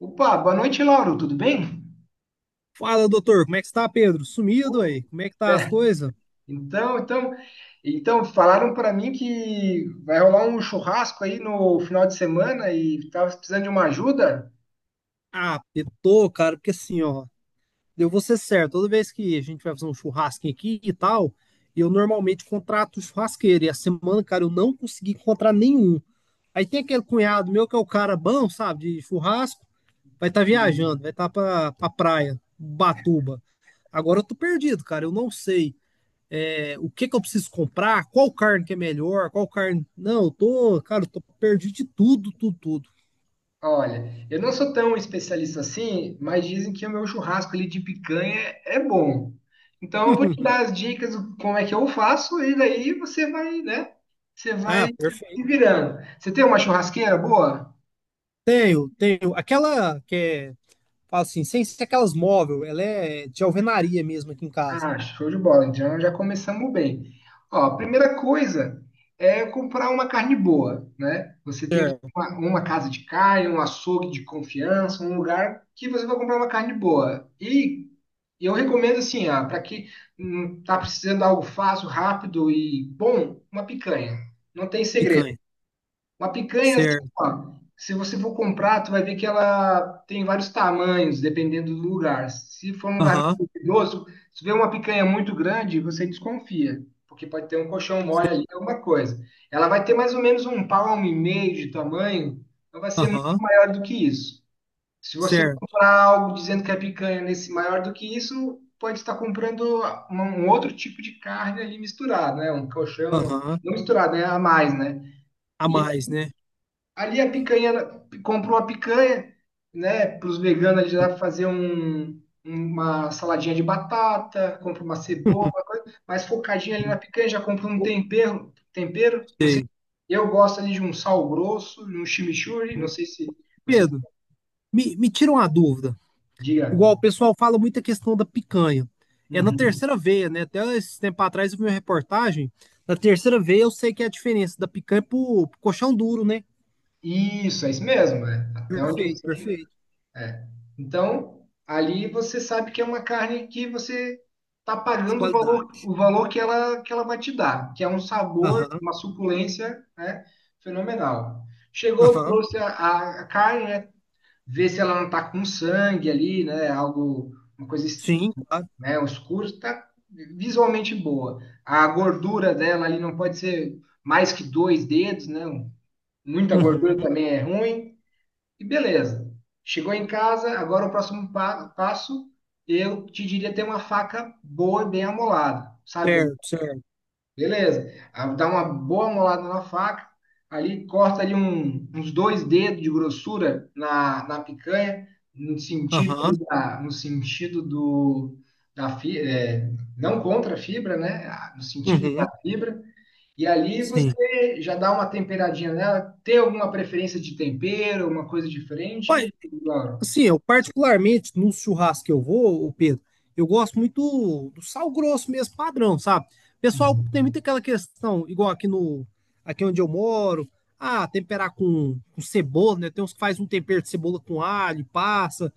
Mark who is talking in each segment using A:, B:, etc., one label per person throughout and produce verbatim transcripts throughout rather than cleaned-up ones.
A: Opa, boa noite, Lauro. Tudo bem?
B: Fala, doutor, como é que está, Pedro? Sumido
A: Pô.
B: aí? Como é que tá as
A: É.
B: coisas?
A: Então, então, então falaram para mim que vai rolar um churrasco aí no final de semana e tava precisando de uma ajuda.
B: Ah, eu tô, cara, porque assim, ó, eu vou ser certo, toda vez que a gente vai fazer um churrasquinho aqui e tal, eu normalmente contrato churrasqueiro, e a semana, cara, eu não consegui encontrar nenhum. Aí tem aquele cunhado meu que é o cara bom, sabe, de churrasco, vai estar viajando, vai estar pra, pra praia, Batuba. Agora eu tô perdido, cara, eu não sei é, o que que eu preciso comprar, qual carne que é melhor, qual carne. Não, eu tô, cara, eu tô perdido de tudo, tudo, tudo.
A: Olha, eu não sou tão especialista assim, mas dizem que o meu churrasco ali de picanha é bom. Então eu vou te dar as dicas do como é que eu faço e daí você vai, né? Você vai
B: Ah,
A: se
B: perfeito.
A: virando. Você tem uma churrasqueira boa?
B: Tenho, tenho. Aquela que é, fala assim, sem ser aquelas móvel, ela é de alvenaria mesmo aqui em casa.
A: Ah, show de bola. Então já começamos bem. Ó, a primeira coisa é comprar uma carne boa, né? Você tem que ir
B: Certo.
A: a uma, uma casa de carne, um açougue de confiança, um lugar que você vai comprar uma carne boa. E eu recomendo assim, ah, para quem hum, tá precisando de algo fácil, rápido e bom, uma picanha. Não tem segredo.
B: Picanha.
A: Uma picanha, assim,
B: Certo.
A: ó, se você for comprar, tu vai ver que ela tem vários tamanhos, dependendo do lugar. Se for um lugar
B: Aham,
A: muito perigoso, se vê uma picanha muito grande, você desconfia, porque pode ter um colchão mole ali, alguma coisa. Ela vai ter mais ou menos um palmo e meio de tamanho, não vai ser muito
B: aham,
A: maior do que isso. Se você
B: certo.
A: comprar algo dizendo que é picanha nesse maior do que isso, pode estar comprando uma- um outro tipo de carne ali misturado, né? Um colchão,
B: Aham.
A: não misturado, né? A mais, né?
B: A mais, né?
A: Ali a picanha, comprou a picanha, né, para os veganos ali lá fazer um, uma saladinha de batata, compra uma cebola, uma coisa, mas focadinha ali na
B: Uhum.
A: picanha, já compra um tempero, tempero, não sei,
B: Sei.
A: eu gosto ali de um sal grosso, de um chimichurri, não
B: Uhum.
A: sei se você
B: Pedro, me, me tira uma dúvida.
A: diga.
B: Igual o pessoal fala muito a questão da picanha. É na
A: Uhum.
B: terceira veia, né? Até esse tempo atrás eu vi uma reportagem. Na terceira veia eu sei que é a diferença da picanha pro, pro colchão duro, né?
A: Isso, é isso mesmo, é. Até onde eu
B: Perfeito,
A: sei.
B: perfeito.
A: É. Então, ali você sabe que é uma carne que você está
B: De
A: pagando o valor,
B: qualidade.
A: o valor que ela, que ela vai te dar, que é um sabor,
B: Aham,
A: uma suculência, né, fenomenal. Chegou,
B: aham,
A: trouxe a, a- a carne, né, vê se ela não está com sangue ali, né, algo, uma coisa, es-
B: sim, claro.
A: né, escura, está visualmente boa. A gordura dela ali não pode ser mais que dois dedos, né, muita
B: Uhum,
A: gordura também é ruim. E beleza. Chegou em casa, agora o próximo pa- passo, eu te diria ter uma faca boa e bem amolada, sabe?
B: certo, certo.
A: Beleza. Ah, dá uma boa molada na faca, ali corta ali um- uns dois dedos de grossura na, na picanha, no sentido ali
B: Aham,
A: da, no sentido do da fi- é, não contra a fibra, né? Ah, no sentido da
B: uhum,
A: fibra. E ali
B: sim.
A: você já dá uma temperadinha nela. Tem alguma preferência de tempero, alguma coisa
B: Olha,
A: diferente, Laura?
B: assim, eu particularmente no churrasco que eu vou, ô Pedro, eu gosto muito do, do sal grosso mesmo, padrão, sabe? Pessoal, tem
A: Uhum.
B: muito aquela questão, igual aqui no, aqui onde eu moro, ah, temperar com, com cebola, né? Tem uns que faz um tempero de cebola com alho, e passa,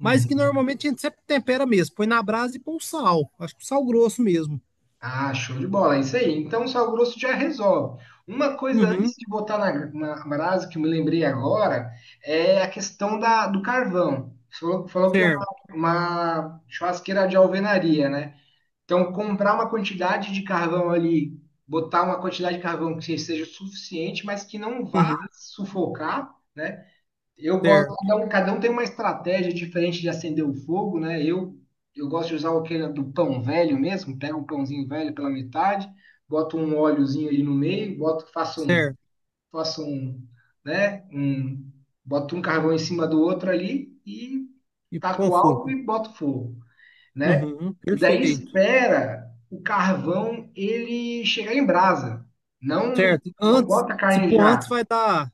B: mas que
A: Uhum.
B: normalmente a gente sempre tempera mesmo, põe na brasa e põe o sal. Acho que o sal grosso mesmo.
A: Ah, show de bola, é isso aí. Então, o sal grosso já resolve. Uma coisa antes
B: Uhum,
A: de botar na, na brasa que eu me lembrei agora é a questão da, do carvão. Você falou, falou que é uma,
B: certo,
A: uma churrasqueira de alvenaria, né? Então, comprar uma quantidade de carvão ali, botar uma quantidade de carvão que seja suficiente, mas que não vá
B: uhum,
A: sufocar, né? Eu gosto,
B: certo,
A: cada um, cada um tem uma estratégia diferente de acender o fogo, né? Eu, eu gosto de usar aquele do pão velho mesmo, pego um pãozinho velho pela metade, boto um óleozinho ali no meio, boto, faço um,
B: certo.
A: faço um, né? Um, boto um carvão em cima do outro ali e
B: E com
A: taco álcool
B: fogo.
A: e boto fogo, né?
B: Uhum,
A: E daí
B: perfeito.
A: espera o carvão ele chegar em brasa. Não,
B: Certo.
A: não
B: Antes,
A: bota a
B: se
A: carne
B: pôr
A: já.
B: antes, vai dar.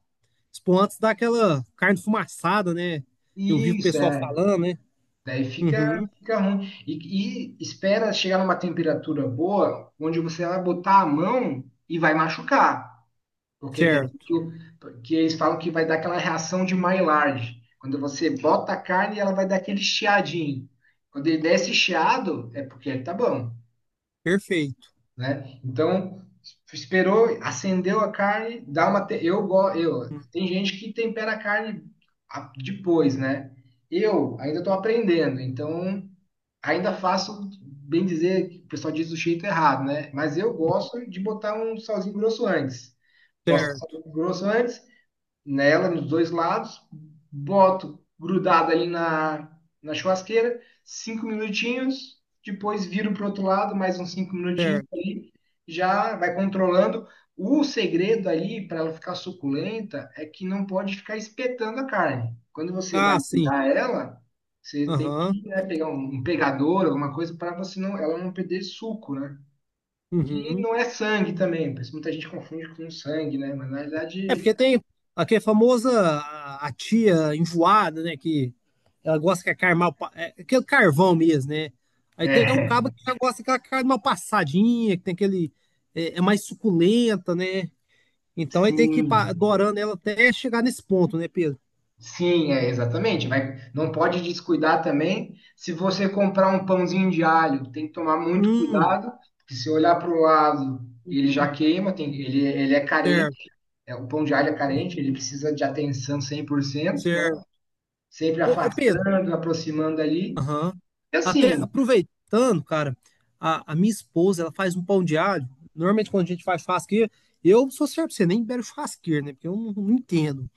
B: Se pôr antes, dá aquela carne fumaçada, né? Eu vi o
A: Isso,
B: pessoal
A: é.
B: falando, né?
A: Daí fica,
B: Uhum,
A: fica ruim. E, e espera chegar numa temperatura boa, onde você vai botar a mão e vai machucar. Porque que,
B: certo.
A: que o- que eles falam que vai dar aquela reação de Maillard. Quando você bota a carne, ela vai dar aquele chiadinho. Quando ele der esse chiado, é porque ele tá bom,
B: Perfeito.
A: né? Então, esperou, acendeu a carne. Dá uma... te- Eu, go- eu, Tem gente que tempera a carne a- depois, né? Eu ainda estou aprendendo, então ainda faço, bem dizer, que o pessoal diz do jeito errado, né? Mas eu
B: Uhum,
A: gosto de botar um salzinho grosso antes. Gosto de
B: certo,
A: salzinho grosso antes, nela, nos dois lados, boto grudado ali na, na churrasqueira, cinco minutinhos, depois viro para o outro lado, mais uns cinco minutinhos
B: certo.
A: ali, já vai controlando. O segredo ali para ela ficar suculenta é que não pode ficar espetando a carne. Quando você vai
B: Ah, sim.
A: tirar ela, você tem
B: Aham.
A: que, né, pegar um, um, pegador, alguma coisa para você não, ela não perder suco, né? Que
B: Uhum.
A: não é sangue também, pois muita gente confunde com sangue, né? Mas na
B: É
A: verdade,
B: porque tem aquela famosa a, a tia enjoada, né? Que ela gosta que a carne mal. pa- É, aquele carvão mesmo, né? Aí tem um cabo
A: é,
B: que já gosta daquela carne mal passadinha, que tem aquele. É, é mais suculenta, né? Então ele tem que ir pa-
A: sim,
B: dorando ela até chegar nesse ponto, né, Pedro?
A: sim, é exatamente. Vai, não pode descuidar também. Se você comprar um pãozinho de alho, tem que tomar muito
B: Hum,
A: cuidado, porque se olhar para o lado, ele já
B: uhum,
A: queima, tem, ele, ele é
B: certo,
A: carente, é, o pão de alho é carente, ele precisa de atenção cem por cento, né?
B: certo.
A: Sempre
B: Ô, ô, Pedro,
A: afastando, aproximando ali.
B: aham.
A: E
B: Até
A: assim,
B: aproveitando, cara, a, a minha esposa, ela faz um pão de alho. Normalmente quando a gente faz churrasqueira, eu sou certo, você nem bebe churrasqueira, né? Porque eu não, não entendo.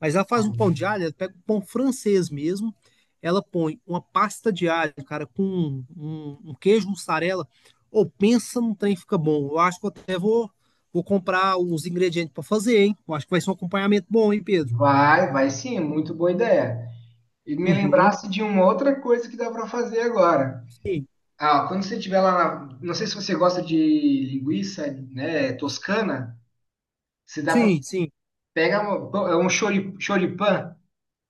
B: Mas ela faz um pão de alho, ela pega um pão francês mesmo, ela põe uma pasta de alho, cara, com um, um- um queijo mussarela. Ou pensa num trem que fica bom. Eu acho que eu até vou, vou comprar os ingredientes para fazer, hein? Eu acho que vai ser um acompanhamento bom, hein, Pedro?
A: vai, vai sim, muito boa ideia. E me
B: Uhum.
A: lembrasse de uma outra coisa que dá para fazer agora.
B: Sim,
A: Ah, ó, quando você estiver lá, na- não sei se você gosta de linguiça, né, toscana, se dá para
B: sim, sim.
A: pega um, pão- é um chori- choripan,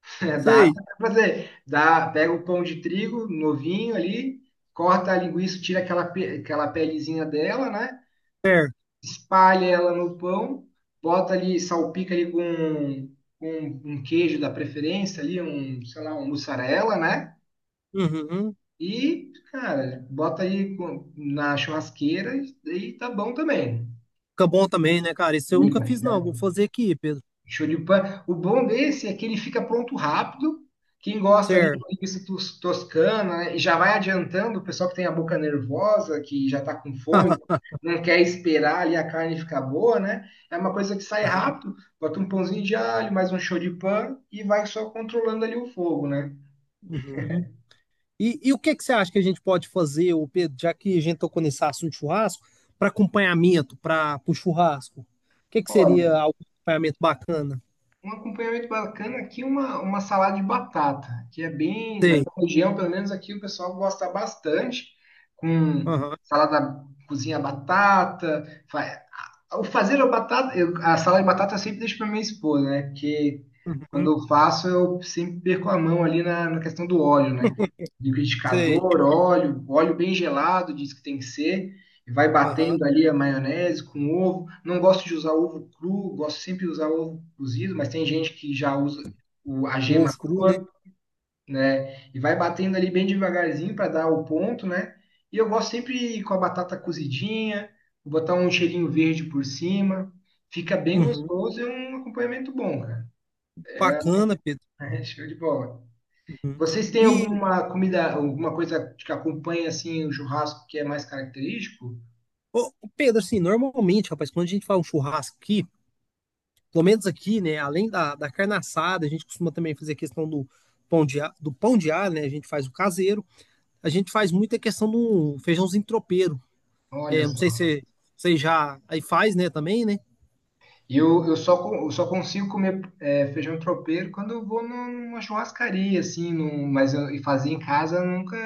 A: né, dá
B: Sei,
A: para fazer, dá, pega o pão de trigo novinho ali, corta a linguiça, tira aquela pe- aquela pelezinha dela, né?
B: certo.
A: Espalha ela no pão, bota ali, salpica ali com, com um queijo da preferência ali, um, sei lá, um mussarela, né?
B: Uhum.
A: E, cara, bota aí com- na churrasqueira e e tá bom também.
B: Fica bom também, né, cara? Isso eu nunca
A: Fica,
B: fiz,
A: fica
B: não. Vou
A: bom.
B: fazer aqui, Pedro.
A: Show de pan. O bom desse é que ele fica pronto rápido. Quem gosta ali de
B: Certo.
A: linguiça tos- toscana, né, e já vai adiantando o pessoal que tem a boca nervosa, que já está com fome, não quer esperar ali a carne ficar boa, né? É uma coisa que sai
B: Aham.
A: rápido, bota um pãozinho de alho, mais um show de pan e vai só controlando ali o fogo, né?
B: Uhum. E, e o que que você acha que a gente pode fazer, ô Pedro, já que a gente tocou nesse assunto de churrasco, para acompanhamento, para o churrasco? O que que seria
A: Olha,
B: algum acompanhamento bacana?
A: um acompanhamento bacana aqui, uma, uma salada de batata, que é bem, na
B: Sei.
A: minha região, pelo menos aqui, o pessoal gosta bastante, com
B: Aham.
A: salada, cozinha batata, fa- o fazer a batata, eu- a salada de batata eu sempre deixo para minha esposa, né? Porque
B: Uhum.
A: quando eu faço, eu sempre perco a mão ali na, na questão do óleo, né?
B: Sei.
A: Liquidificador, óleo, óleo bem gelado, diz que tem que ser, e vai batendo
B: Aham.
A: ali a maionese com ovo. Não gosto de usar ovo cru, gosto sempre de usar ovo cozido, mas tem gente que já usa o, a
B: O
A: gema
B: ovo cru, né?
A: crua, né? E vai batendo ali bem devagarzinho para dar o ponto, né? E eu gosto sempre com a batata cozidinha, vou botar um cheirinho verde por cima. Fica bem
B: Uhum.
A: gostoso e um acompanhamento bom, cara.
B: Bacana, Pedro.
A: É, show de bola.
B: Uhum.
A: Vocês têm
B: E,
A: alguma comida, alguma coisa que acompanha assim o churrasco que é mais característico?
B: ô, ô, Pedro, assim, normalmente, rapaz, quando a gente faz um churrasco aqui, pelo menos aqui, né, além da, da carne assada, a gente costuma também fazer a questão do pão de, a- do pão de alho, né? A gente faz o caseiro, a gente faz muita questão do feijãozinho tropeiro.
A: Olha
B: É, não sei
A: só.
B: se você já aí faz, né, também, né?
A: Eu, eu só, co- eu só consigo comer é, feijão tropeiro quando eu vou num- numa churrascaria, assim, num, mas eu, e fazer em casa eu nunca,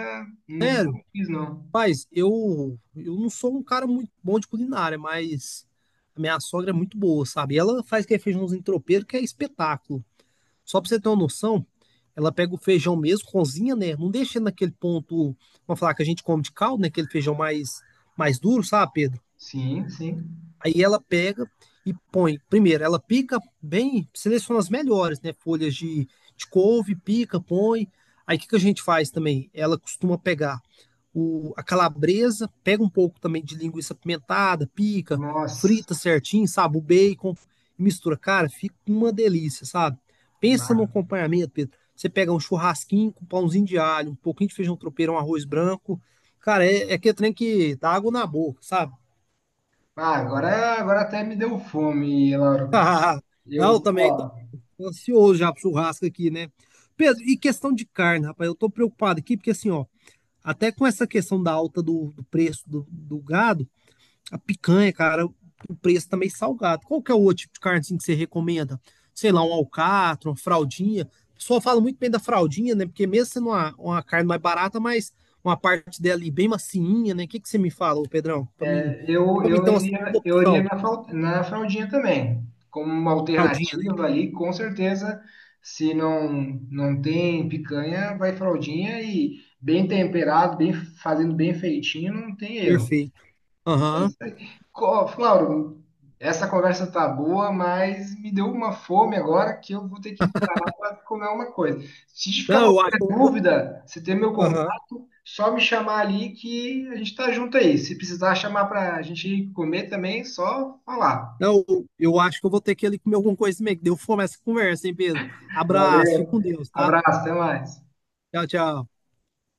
A: nunca
B: Sério?
A: fiz, não.
B: Mas eu, eu não sou um cara muito bom de culinária, mas a minha sogra é muito boa, sabe? Ela faz aquele feijãozinho tropeiro que é espetáculo. Só pra você ter uma noção, ela pega o feijão mesmo, cozinha, né? Não deixa naquele ponto, vamos falar que a gente come de caldo, né? Aquele feijão mais, mais duro, sabe, Pedro?
A: Sim, sim.
B: Aí ela pega e põe. Primeiro, ela pica bem, seleciona as melhores, né? Folhas de, de couve, pica, põe. Aí o que, que a gente faz também? Ela costuma pegar o, a calabresa, pega um pouco também de linguiça pimentada, pica,
A: Nossa,
B: frita certinho, sabe? O bacon, mistura. Cara, fica uma delícia, sabe? Pensa no
A: lá.
B: acompanhamento, Pedro. Você pega um churrasquinho com pãozinho de alho, um pouquinho de feijão tropeiro, um arroz branco. Cara, é, é aquele trem que dá água na boca, sabe?
A: ah, agora, agora até me deu fome, Lauro.
B: Não,
A: Eu,
B: também
A: ó,
B: tô ansioso já pro churrasco aqui, né? Pedro, e questão de carne, rapaz, eu tô preocupado aqui, porque assim, ó, até com essa questão da alta do, do preço do, do gado, a picanha, cara, o preço tá meio salgado. Qual que é o outro tipo de carne assim, que você recomenda? Sei lá, um alcatra, uma fraldinha. O pessoal fala muito bem da fraldinha, né? Porque mesmo sendo uma, uma carne mais barata, mas uma parte dela ali bem macinha, né? O que que você me fala, ô Pedrão? Pra mim,
A: eu,
B: pra mim
A: eu
B: ter uma segunda
A: iria, eu iria
B: opção,
A: na, fal- na fraldinha também, como uma
B: fraldinha, né?
A: alternativa ali, com certeza. Se não, não tem picanha, vai fraldinha e bem temperado, bem fazendo bem feitinho, não tem erro.
B: Perfeito. Aham.
A: Co- Flauro, essa conversa tá boa, mas me deu uma fome agora que eu vou ter que parar para comer uma coisa. Se ficar
B: Não, eu acho.
A: qualquer dúvida, você tem meu
B: Aham.
A: contato, só me chamar ali que a gente tá junto aí. Se precisar chamar para a gente ir comer também, só falar.
B: Não, eu acho que eu vou ter que ir ali comer alguma coisa mesmo, que deu fome essa conversa, hein, Pedro? Abraço, fique
A: Valeu,
B: com Deus, tá?
A: abraço, até mais.
B: Tchau, tchau.